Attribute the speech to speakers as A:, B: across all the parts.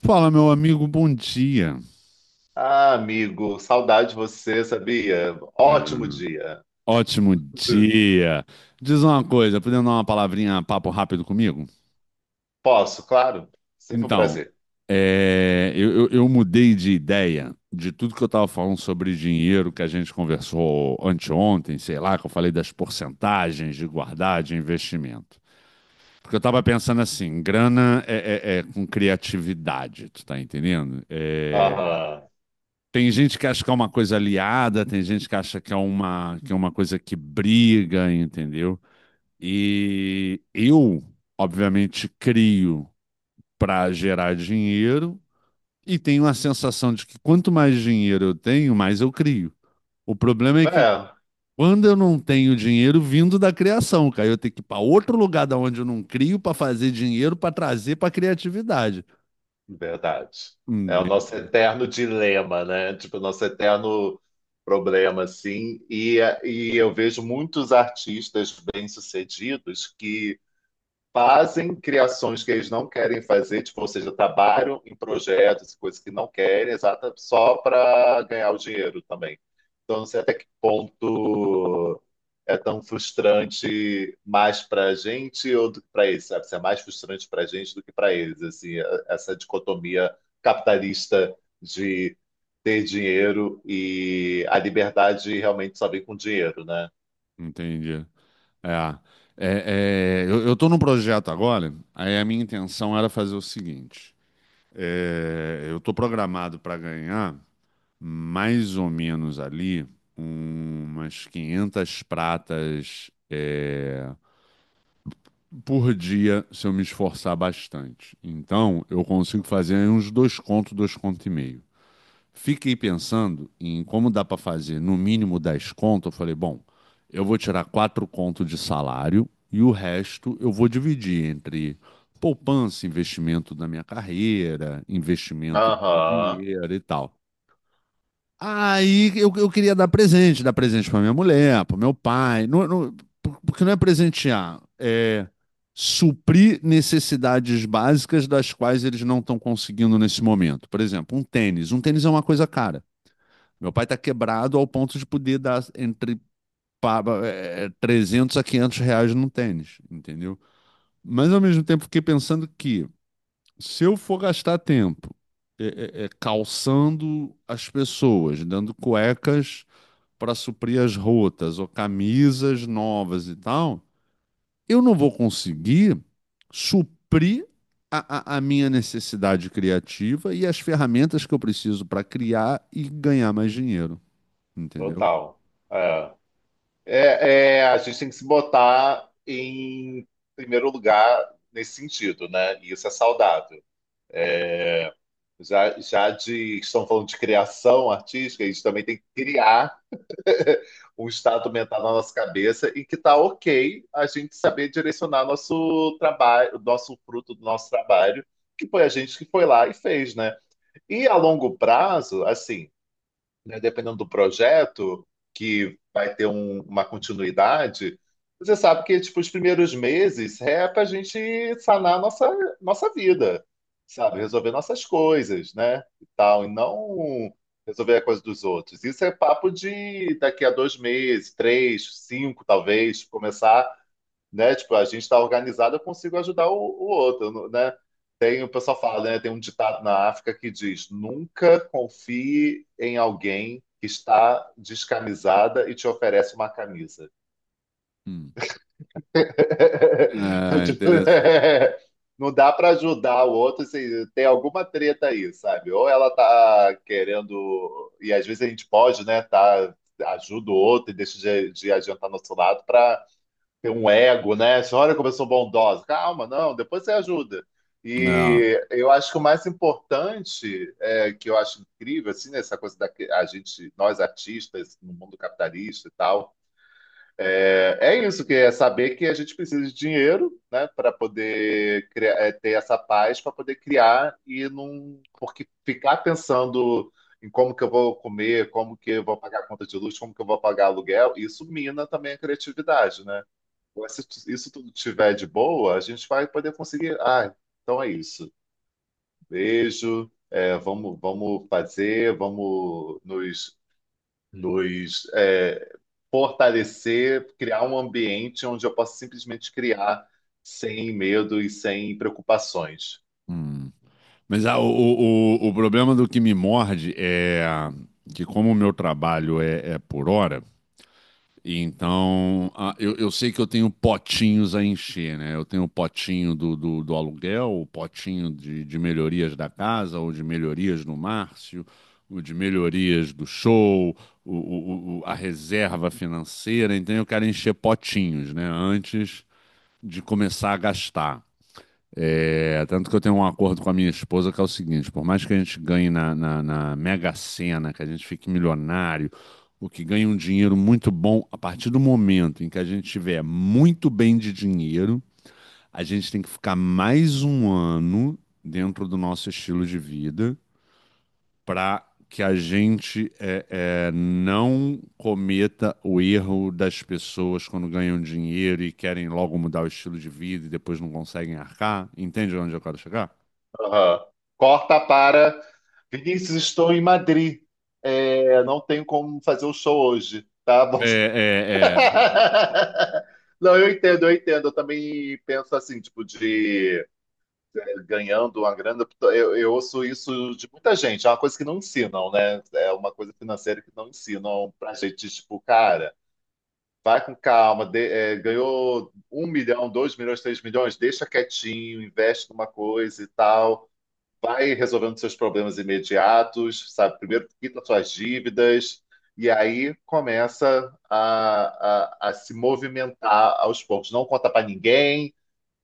A: Fala, meu amigo, bom dia.
B: Ah, amigo, saudade de você, sabia?
A: É,
B: Ótimo dia.
A: ótimo dia. Diz uma coisa, podendo dar uma palavrinha, papo rápido comigo?
B: Posso, claro. Sempre um
A: Então,
B: prazer.
A: eu mudei de ideia de tudo que eu estava falando sobre dinheiro que a gente conversou anteontem, sei lá, que eu falei das porcentagens de guardar, de investimento. Porque eu estava pensando assim, grana é com criatividade, tu tá entendendo?
B: Aham.
A: Tem gente que acha que é uma coisa aliada, tem gente que acha que é uma coisa que briga, entendeu? E eu, obviamente, crio para gerar dinheiro e tenho a sensação de que quanto mais dinheiro eu tenho, mais eu crio. O problema é que
B: É,
A: quando eu não tenho dinheiro vindo da criação, cara, eu tenho que ir para outro lugar da onde eu não crio para fazer dinheiro para trazer para a criatividade.
B: verdade. É o nosso
A: Entendeu?
B: eterno dilema, né? Tipo, o nosso eterno problema, assim. E eu vejo muitos artistas bem-sucedidos que fazem criações que eles não querem fazer, tipo, ou seja, trabalham em projetos, coisas que não querem, exata, só para ganhar o dinheiro também. Então, não sei até que ponto é tão frustrante mais para a gente ou do que para eles, sabe? Se é mais frustrante para a gente do que para eles, assim, essa dicotomia capitalista de ter dinheiro e a liberdade realmente só vem com dinheiro, né?
A: Entendi. É, eu tô num projeto agora, aí a minha intenção era fazer o seguinte: eu tô programado para ganhar mais ou menos ali umas 500 pratas por dia se eu me esforçar bastante. Então, eu consigo fazer aí uns 2 contos, 2 contos e meio. Fiquei pensando em como dá para fazer no mínimo 10 conto. Eu falei, bom, eu vou tirar 4 conto de salário e o resto eu vou dividir entre poupança, investimento na minha carreira, investimento em
B: Aham,
A: dinheiro e tal. Aí eu queria dar presente para minha mulher, para meu pai, porque não é presentear, é suprir necessidades básicas das quais eles não estão conseguindo nesse momento. Por exemplo, um tênis. Um tênis é uma coisa cara. Meu pai tá quebrado ao ponto de poder dar entre 300 a 500 reais num tênis, entendeu? Mas ao mesmo tempo fiquei pensando que se eu for gastar tempo calçando as pessoas, dando cuecas para suprir as rotas ou camisas novas e tal, eu não vou conseguir suprir a minha necessidade criativa e as ferramentas que eu preciso para criar e ganhar mais dinheiro, entendeu?
B: total. É. É, a gente tem que se botar em primeiro lugar nesse sentido, né? E isso é saudável. Já, já de, estão falando de criação artística, a gente também tem que criar um estado mental na nossa cabeça e que tá ok a gente saber direcionar nosso trabalho, o nosso fruto do nosso trabalho, que foi a gente que foi lá e fez, né? E a longo prazo, assim, né, dependendo do projeto, que vai ter uma continuidade, você sabe que tipo, os primeiros meses é para a gente sanar a nossa vida, sabe? Resolver nossas coisas, né? E tal, e não resolver a coisa dos outros. Isso é papo de daqui a dois meses, três, cinco, talvez, começar, né? Tipo, a gente está organizado, eu consigo ajudar o outro, né? Tem, o pessoal fala, né? Tem um ditado na África que diz: nunca confie em alguém que está descamisada e te oferece uma camisa.
A: Hum. É,
B: Tipo,
A: interessante.
B: é, não dá para ajudar o outro se tem alguma treta aí, sabe? Ou ela tá querendo, e às vezes a gente pode, né? Tá, ajuda o outro e deixa de adiantar nosso lado para tem um ego, né? Você olha como eu sou bondosa. Calma, não, depois você ajuda.
A: Ah,
B: E eu acho que o mais importante, é, que eu acho incrível, assim, nessa coisa da que a gente, nós artistas, no mundo capitalista e tal, é, é isso, que é saber que a gente precisa de dinheiro, né, para poder criar, é, ter essa paz, para poder criar e não. Porque ficar pensando em como que eu vou comer, como que eu vou pagar a conta de luz, como que eu vou pagar aluguel, isso mina também a criatividade, né? Mas se isso tudo tiver de boa, a gente vai poder conseguir. Ah, então é isso. Beijo. É, vamos, vamos fazer, vamos nos é, fortalecer, criar um ambiente onde eu possa simplesmente criar sem medo e sem preocupações.
A: hum. Mas o problema do que me morde é que, como o meu trabalho é por hora, então eu sei que eu tenho potinhos a encher, né? Eu tenho o potinho do aluguel, o potinho de melhorias da casa, ou de melhorias no Márcio, o de melhorias do show, a reserva financeira. Então eu quero encher potinhos, né? Antes de começar a gastar. É, tanto que eu tenho um acordo com a minha esposa que é o seguinte: por mais que a gente ganhe na Mega Sena, que a gente fique milionário, o que ganha um dinheiro muito bom, a partir do momento em que a gente tiver muito bem de dinheiro, a gente tem que ficar mais um ano dentro do nosso estilo de vida para que a gente não cometa o erro das pessoas quando ganham dinheiro e querem logo mudar o estilo de vida e depois não conseguem arcar. Entende onde eu quero chegar?
B: Aham. Corta para Vinícius, estou em Madrid. É, não tenho como fazer o show hoje, tá? Bom,
A: É,
B: não, eu entendo, eu entendo. Eu também penso assim, tipo, de ganhando uma grana. Eu ouço isso de muita gente. É uma coisa que não ensinam, né? É uma coisa financeira que não ensinam pra gente, tipo, cara, vai com calma. Ganhou um milhão, dois milhões, três milhões, deixa quietinho, investe numa coisa e tal. Vai resolvendo seus problemas imediatos, sabe? Primeiro quita suas dívidas, e aí começa a se movimentar aos poucos. Não conta para ninguém,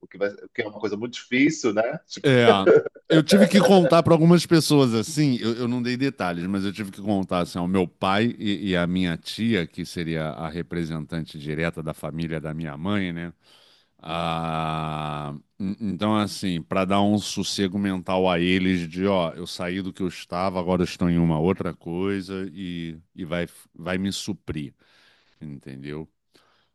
B: o que, o que é uma coisa muito difícil, né?
A: é,
B: Tipo,
A: é, é. Eu tive que contar para algumas pessoas assim, eu não dei detalhes, mas eu tive que contar assim, ao meu pai e à minha tia, que seria a representante direta da família da minha mãe, né? Ah, então, assim, para dar um sossego mental a eles de, ó, eu saí do que eu estava, agora eu estou em uma outra coisa e vai me suprir, entendeu?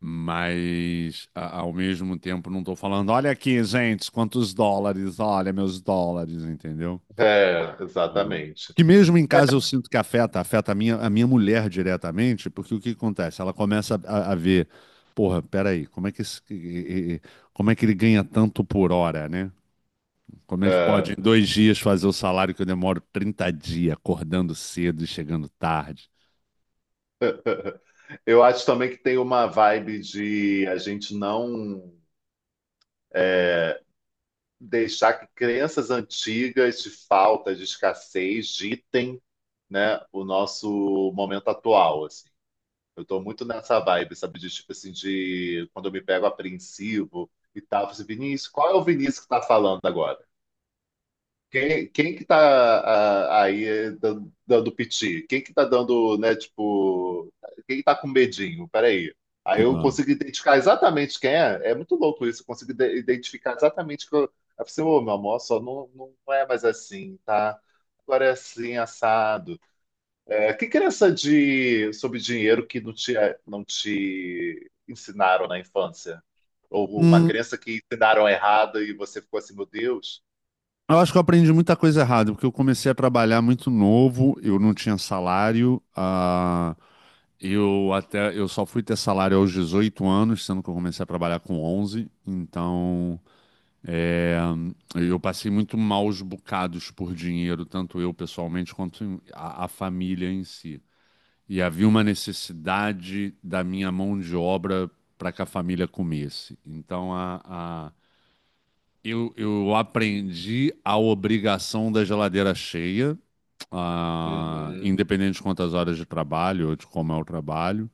A: Mas, ao mesmo tempo, não estou falando, olha aqui, gente, quantos dólares, olha meus dólares, entendeu?
B: é, exatamente.
A: Que mesmo em
B: É,
A: casa eu sinto que afeta, afeta a minha mulher diretamente, porque o que acontece? Ela começa a ver, porra, peraí, como é que ele ganha tanto por hora, né? Como é que
B: é,
A: pode em 2 dias fazer o salário que eu demoro 30 dias, acordando cedo e chegando tarde?
B: eu acho também que tem uma vibe de a gente não deixar que crenças antigas de falta, de escassez, ditem, né, o nosso momento atual, assim. Eu tô muito nessa vibe, sabe? De tipo assim, de quando eu me pego apreensivo e tal. Eu falo assim, Vinícius, qual é o Vinícius que tá falando agora? Quem que tá ah, aí dando, dando piti? Quem que tá dando, né, tipo, quem que tá com medinho? Peraí. Aí eu
A: Ah.
B: consigo identificar exatamente quem é. É muito louco isso. Eu consigo identificar exatamente que eu. Aí eu falei assim, ô, meu amor, só não, não é mais assim, tá? Agora é assim, assado. É, que crença de sobre dinheiro que não te ensinaram na infância? Ou uma
A: Hum,
B: crença que ensinaram errada e você ficou assim, meu Deus?
A: eu acho que eu aprendi muita coisa errada, porque eu comecei a trabalhar muito novo, eu não tinha salário, eu até eu só fui ter salário aos 18 anos, sendo que eu comecei a trabalhar com 11. Então, é, eu passei muito maus bocados por dinheiro, tanto eu pessoalmente quanto a família em si. E havia uma necessidade da minha mão de obra para que a família comesse. Então, a- eu aprendi a obrigação da geladeira cheia,
B: Uhum,
A: independente de quantas horas de trabalho ou de como é o trabalho.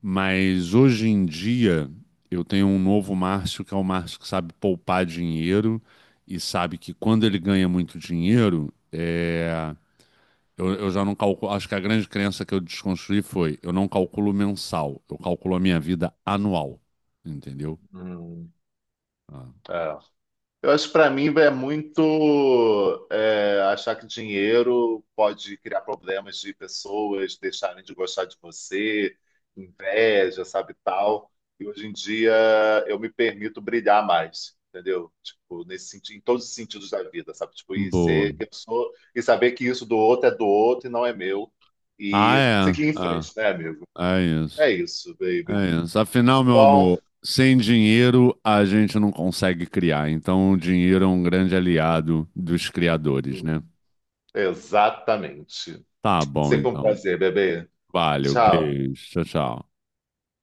A: Mas hoje em dia eu tenho um novo Márcio, que é o Márcio que sabe poupar dinheiro e sabe que quando ele ganha muito dinheiro, eu já não calculo. Acho que a grande crença que eu desconstruí foi: eu não calculo mensal, eu calculo a minha vida anual. Entendeu?
B: uhum.
A: Ah,
B: Eu acho que para mim é muito achar que dinheiro pode criar problemas de pessoas deixarem de gostar de você, inveja, sabe, tal. E hoje em dia eu me permito brilhar mais, entendeu? Tipo, nesse sentido, em todos os sentidos da vida, sabe? Tipo, e
A: boa.
B: ser que eu sou, e saber que isso do outro é do outro e não é meu.
A: Ah,
B: E seguir
A: é.
B: em
A: Ah,
B: frente, né, amigo?
A: é
B: É
A: isso.
B: isso, baby.
A: É isso. Afinal, meu
B: Bom,
A: amor, sem dinheiro a gente não consegue criar. Então, o dinheiro é um grande aliado dos criadores,
B: hum,
A: né?
B: exatamente.
A: Tá bom,
B: Sempre um
A: então.
B: prazer, bebê.
A: Valeu,
B: Tchau.
A: beijo, tchau, tchau.